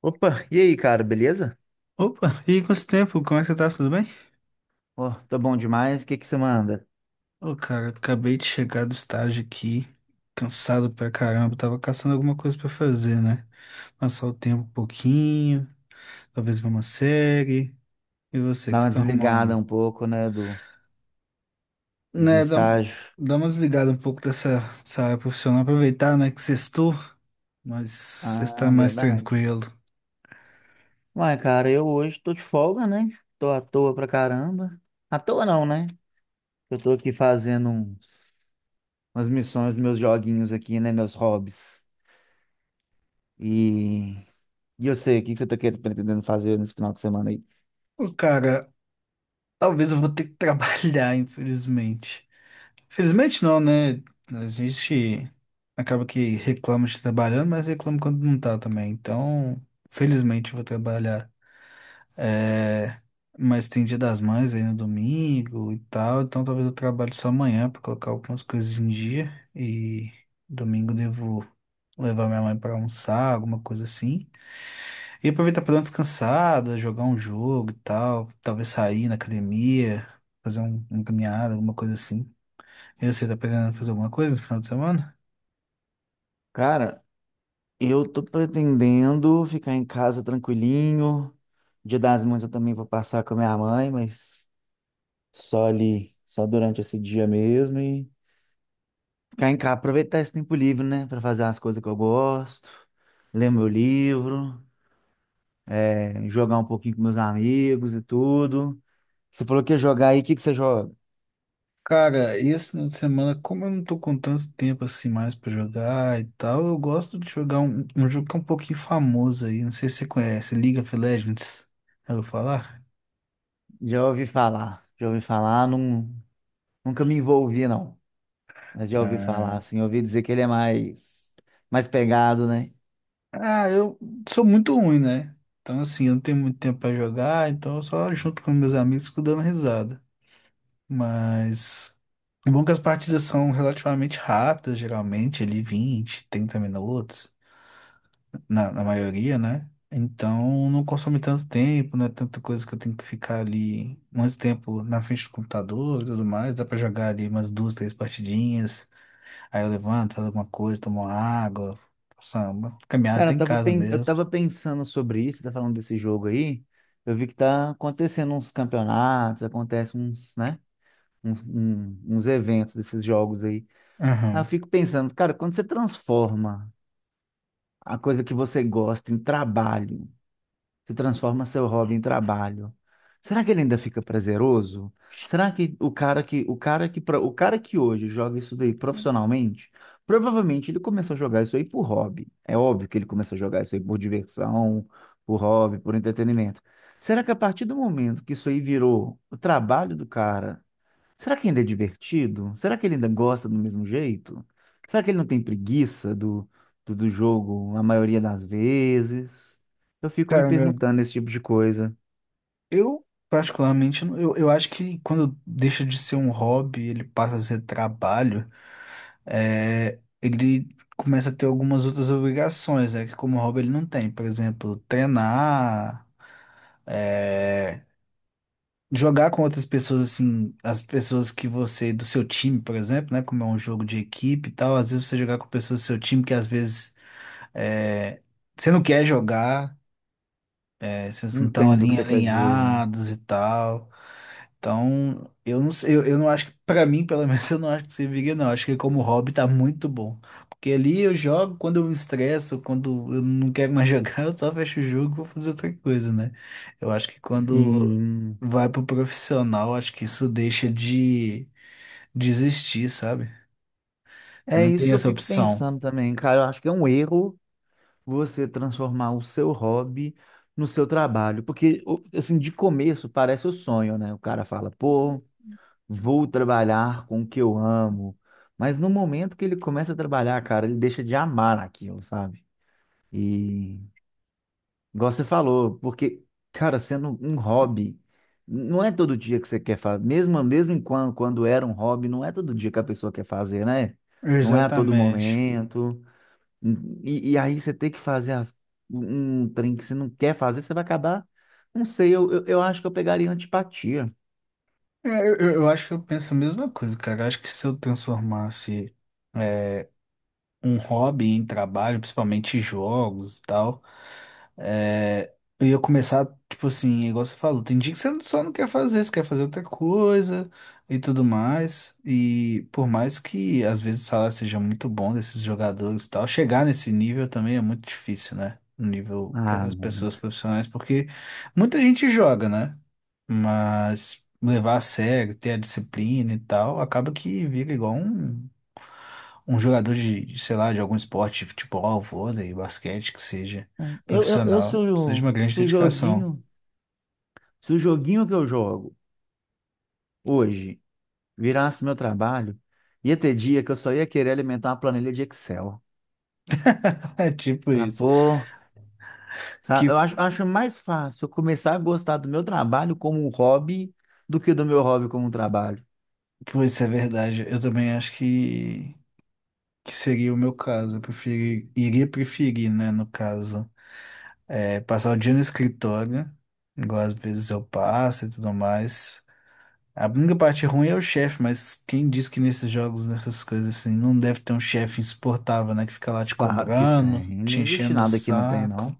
Opa, e aí, cara, beleza? Opa, e aí, quanto tempo? Como é que você tá? Tudo bem? Pô, tô bom demais. O que que você manda? Ô, cara, acabei de chegar do estágio aqui, cansado pra caramba, tava caçando alguma coisa pra fazer, né? Passar o tempo um pouquinho, talvez ver uma série. E você Dá que uma está desligada arrumando? um pouco, né, do Né, dá, estágio. dá uma desligada um pouco dessa área profissional, aproveitar, né, que sextou, mas está Ah, mais verdade. tranquilo. Ué, cara, eu hoje tô de folga, né? Tô à toa pra caramba. À toa não, né? Eu tô aqui fazendo umas missões dos meus joguinhos aqui, né, meus hobbies. E, e eu sei, o que que você tá querendo, pretendendo fazer nesse final de semana aí? Ô, cara, talvez eu vou ter que trabalhar, infelizmente. Felizmente não, né? A gente acaba que reclama de trabalhando, mas reclama quando não tá também. Então, felizmente eu vou trabalhar. É, mas tem Dia das Mães aí no domingo e tal, então talvez eu trabalhe só amanhã pra colocar algumas coisas em dia. E domingo devo levar minha mãe pra almoçar, alguma coisa assim. E aproveitar pra dar uma descansada, jogar um jogo e tal, talvez sair na academia, fazer uma caminhada, alguma coisa assim. E você tá pretendendo fazer alguma coisa no final de semana? Cara, eu tô pretendendo ficar em casa tranquilinho. Dia das Mães eu também vou passar com a minha mãe, mas só ali, só durante esse dia mesmo e ficar em casa, aproveitar esse tempo livre, né, pra fazer as coisas que eu gosto, ler meu livro, jogar um pouquinho com meus amigos e tudo. Você falou que ia jogar aí, o que que você joga? Cara, e esse final de semana, como eu não tô com tanto tempo assim mais pra jogar e tal, eu gosto de jogar um jogo que é um pouquinho famoso aí, não sei se você conhece, League of Legends. Já ouviu falar? Já ouvi falar, não, nunca me envolvi não, mas já ouvi falar, Ah, assim, ouvi dizer que ele é mais, mais pegado, né? Ah, eu sou muito ruim, né? Então, assim, eu não tenho muito tempo pra jogar, então eu só junto com meus amigos fico dando risada. Mas é bom é que as partidas são relativamente rápidas, geralmente, ali 20, 30 minutos. Na maioria, né? Então não consome tanto tempo, não é tanta coisa que eu tenho que ficar ali muito tempo na frente do computador e tudo mais. Dá pra jogar ali umas duas, três partidinhas. Aí eu levanto, faço alguma coisa, tomo uma água, faço uma caminhada Cara, até em casa eu mesmo. tava pensando sobre isso, tá falando desse jogo aí, eu vi que tá acontecendo uns campeonatos, acontece uns, né? Uns eventos desses jogos aí. Aí eu Aham. fico pensando, cara, quando você transforma a coisa que você gosta em trabalho, você transforma seu hobby em trabalho, será que ele ainda fica prazeroso? Será que o cara que hoje joga isso daí profissionalmente, provavelmente ele começou a jogar isso aí por hobby. É óbvio que ele começou a jogar isso aí por diversão, por hobby, por entretenimento. Será que a partir do momento que isso aí virou o trabalho do cara, será que ainda é divertido? Será que ele ainda gosta do mesmo jeito? Será que ele não tem preguiça do jogo a maioria das vezes? Eu fico me Cara, perguntando esse tipo de coisa. Particularmente, eu acho que quando deixa de ser um hobby, ele passa a ser trabalho, ele começa a ter algumas outras obrigações, né? Que como hobby ele não tem. Por exemplo, treinar, é, jogar com outras pessoas, assim, as pessoas que você, do seu time, por exemplo, né? Como é um jogo de equipe e tal, às vezes você jogar com pessoas do seu time que às vezes é, você não quer jogar. É, vocês não estão Entendo o que ali você quer dizer. alinhados e tal. Então, eu não sei, eu não acho que, pra mim, pelo menos, eu não acho que serviria, não. Acho que como hobby tá muito bom. Porque ali eu jogo quando eu me estresso, quando eu não quero mais jogar, eu só fecho o jogo e vou fazer outra coisa, né? Eu acho que quando Sim. vai pro profissional, acho que isso deixa de desistir, sabe? Você É não isso tem que eu essa fico opção. pensando também, cara. Eu acho que é um erro você transformar o seu hobby no seu trabalho. Porque, assim, de começo parece o sonho, né? O cara fala, pô, vou trabalhar com o que eu amo. Mas no momento que ele começa a trabalhar, cara, ele deixa de amar aquilo, sabe? E igual você falou, porque, cara, sendo um hobby, não é todo dia que você quer fazer. Mesmo, mesmo quando, quando era um hobby, não é todo dia que a pessoa quer fazer, né? Não é a todo Exatamente. momento. E aí você tem que fazer um trem que você não quer fazer, você vai acabar. Não sei, eu acho que eu pegaria antipatia. Eu, eu acho que eu penso a mesma coisa, cara. Acho que se eu transformasse um hobby em trabalho, principalmente jogos e tal, é, eu ia começar, tipo assim, igual você falou, tem dia que você só não quer fazer, você quer fazer outra coisa e tudo mais. E por mais que às vezes o salário seja muito bom desses jogadores e tal, chegar nesse nível também é muito difícil, né? No nível que Ah, as mano. pessoas profissionais, porque muita gente joga, né? Mas levar a sério, ter a disciplina e tal, acaba que vira igual um jogador de sei lá, de algum esporte, futebol, vôlei, basquete, que seja Eu se profissional, precisa de uma grande se o dedicação. joguinho, se o joguinho que eu jogo hoje virasse meu trabalho, ia ter dia que eu só ia querer alimentar uma planilha de Excel. É tipo Falar, isso. pô, sabe? Eu Que, acho, acho mais fácil eu começar a gostar do meu trabalho como um hobby do que do meu hobby como um trabalho. pô, isso é verdade. Eu também acho que seria o meu caso. Eu preferi, iria preferir, né, no caso, passar o dia no escritório, igual às vezes eu passo e tudo mais. A única parte ruim é o chefe, mas quem diz que nesses jogos, nessas coisas assim, não deve ter um chefe insuportável, né? Que fica lá te Claro que cobrando, tem, não te existe enchendo o nada que não tem, saco. não.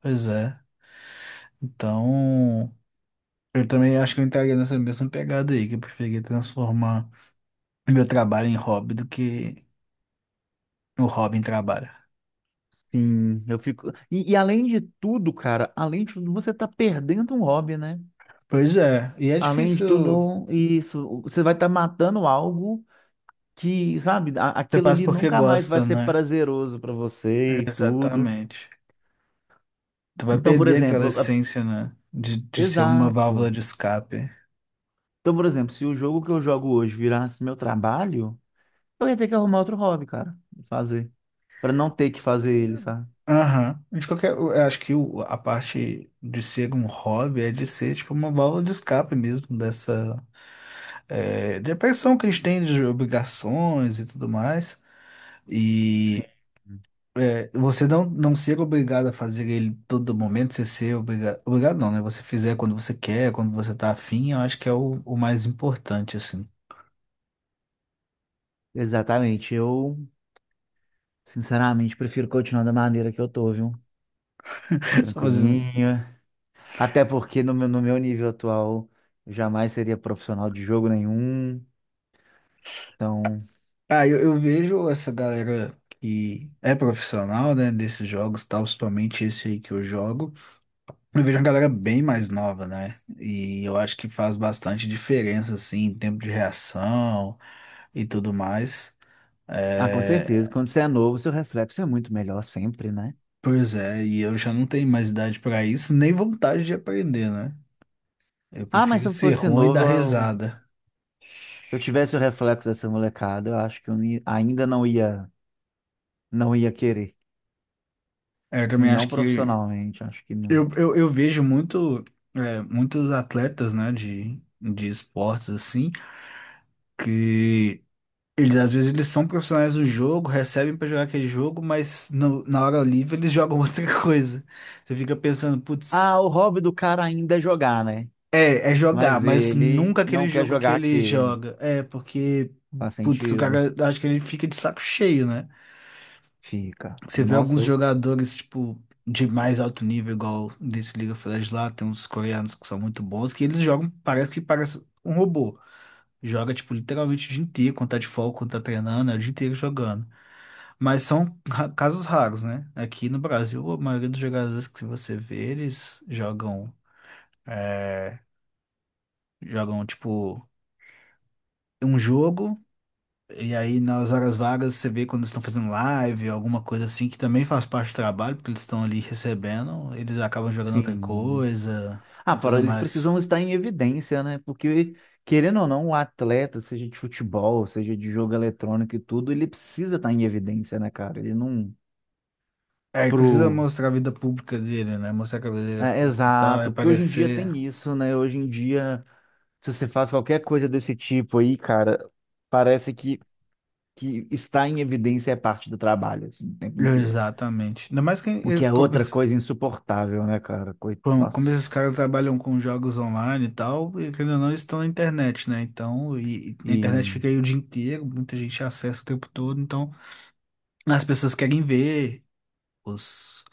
Pois é. Então, eu também acho que eu entraria nessa mesma pegada aí, que eu preferia transformar meu trabalho em hobby do que o hobby em trabalho. Sim, eu fico. E além de tudo, cara, além de tudo, você tá perdendo um hobby, né? Pois é, e é Além de difícil, tudo, isso, você vai estar matando algo que, sabe, você aquilo faz ali porque nunca mais vai gosta, ser né? prazeroso para você e tudo. Exatamente. Tu vai Então, por perder aquela exemplo, essência, né? De ser uma válvula exato. de escape. Então, por exemplo, se o jogo que eu jogo hoje virasse meu trabalho, eu ia ter que arrumar outro hobby, cara, fazer, para não ter que fazer ele, sabe? Aham. De qualquer, eu acho que a parte de ser um hobby é de ser tipo uma válvula de escape mesmo dessa depressão que a gente tem de obrigações e tudo mais. E você não ser obrigado a fazer ele todo momento, você ser obrigado. Obrigado não, né? Você fizer quando você quer, quando você tá afim, eu acho que é o mais importante, assim. Exatamente. Eu, sinceramente, prefiro continuar da maneira que eu tô, viu? Só fazendo. Tranquilinho. Até porque no meu nível atual, eu jamais seria profissional de jogo nenhum. Então, Ah, eu vejo essa galera que é profissional, né? Desses jogos, e tal, principalmente esse aí que eu jogo. Eu vejo uma galera bem mais nova, né? E eu acho que faz bastante diferença, assim, em tempo de reação e tudo mais. ah, com certeza. É, Quando você é novo, seu reflexo é muito melhor sempre, né? Pois é, e eu já não tenho mais idade pra isso, nem vontade de aprender, né? Eu Ah, mas se prefiro eu ser fosse ruim e novo, dar risada. eu tivesse o reflexo dessa molecada, eu acho que eu não ia- ainda não ia, não ia querer. É, Eu Assim, também não acho que profissionalmente, acho que não. eu vejo muito, muitos atletas, né, de esportes assim, que eles às vezes eles são profissionais do jogo, recebem pra jogar aquele jogo, mas na hora livre eles jogam outra coisa. Você fica pensando, putz, Ah, o hobby do cara ainda é jogar, né? É jogar, Mas mas ele nunca aquele não quer jogo que jogar ele aquele. joga. É, porque Faz putz, o sentido. cara acho que ele fica de saco cheio, né? Fica. Você vê Nossa, alguns eu. jogadores, tipo, de mais alto nível, igual desse League of Legends lá, tem uns coreanos que são muito bons, que eles jogam, parece que parece um robô. Joga, tipo, literalmente o dia inteiro, quando tá de folga, quando tá treinando, é o dia inteiro jogando. Mas são casos raros, né? Aqui no Brasil, a maioria dos jogadores que você vê, eles jogam, é, jogam, tipo, um jogo. E aí, nas horas vagas, você vê quando eles estão fazendo live, alguma coisa assim, que também faz parte do trabalho, porque eles estão ali recebendo, eles acabam jogando outra Sim. coisa Ah, e fora, tudo eles mais. precisam estar em evidência, né? Porque, querendo ou não, o atleta, seja de futebol, seja de jogo eletrônico e tudo, ele precisa estar em evidência, né, cara? Ele não. É, ele precisa mostrar a vida pública dele, né? Mostrar que a vida dele é É, pública e tal, é exato, porque hoje em dia parecer. tem isso, né? Hoje em dia, se você faz qualquer coisa desse tipo aí, cara, parece que está em evidência é parte do trabalho, assim, o tempo inteiro. Exatamente. Ainda mais que O que eles, é como, outra coisa insuportável, né, cara? Como, como esses Nossa. caras trabalham com jogos online e tal, e querendo ou não, eles estão na internet, né? Então, e a internet E. fica aí o dia inteiro, muita gente acessa o tempo todo, então as pessoas querem ver. os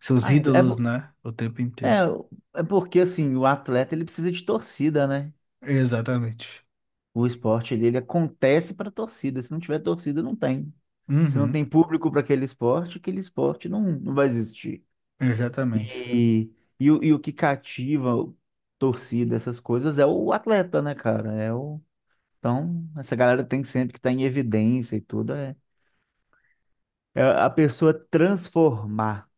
Seus Ah, ídolos, né? O tempo inteiro. é porque, assim, o atleta ele precisa de torcida, né? Exatamente. O esporte ele acontece para torcida. Se não tiver torcida, não tem. Se não Uhum, tem público para aquele esporte não, não vai existir. exatamente. E, e, e o que cativa torcida, essas coisas, é o atleta, né, cara? É o, então, essa galera tem sempre que estar em evidência e tudo. É, é a pessoa transformar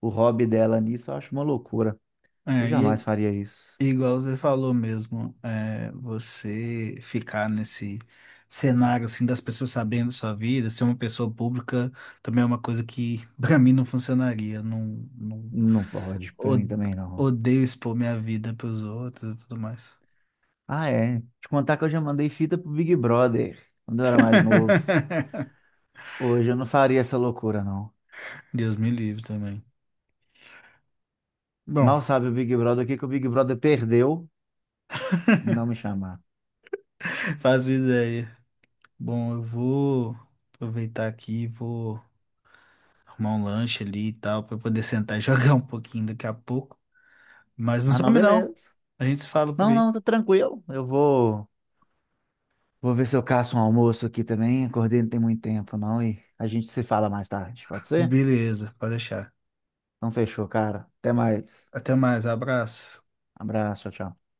o hobby dela nisso, eu acho uma loucura. Eu jamais E faria isso. Igual você falou mesmo, você ficar nesse cenário assim das pessoas sabendo sua vida, ser uma pessoa pública, também é uma coisa que pra mim não funcionaria. Não, não Não pode, pra o- mim também não. odeio expor minha vida pros outros e tudo mais. Ah, é. Te contar que eu já mandei fita pro Big Brother quando eu era mais novo. Hoje eu não faria essa loucura, não. Deus me livre também. Bom, Mal sabe o Big Brother o que que o Big Brother perdeu e não me chamar. faz ideia. Bom, eu vou aproveitar aqui e vou arrumar um lanche ali e tal, pra poder sentar e jogar um pouquinho daqui a pouco. Mas não Ah, não, some não. beleza. A gente se fala por Não, aí. não, tô tranquilo. Eu vou, vou ver se eu caço um almoço aqui também. Acordei não tem muito tempo, não, e a gente se fala mais tarde, pode ser? Beleza, pode deixar. Então fechou, cara. Até mais. Até mais, abraço. Abraço, tchau, tchau.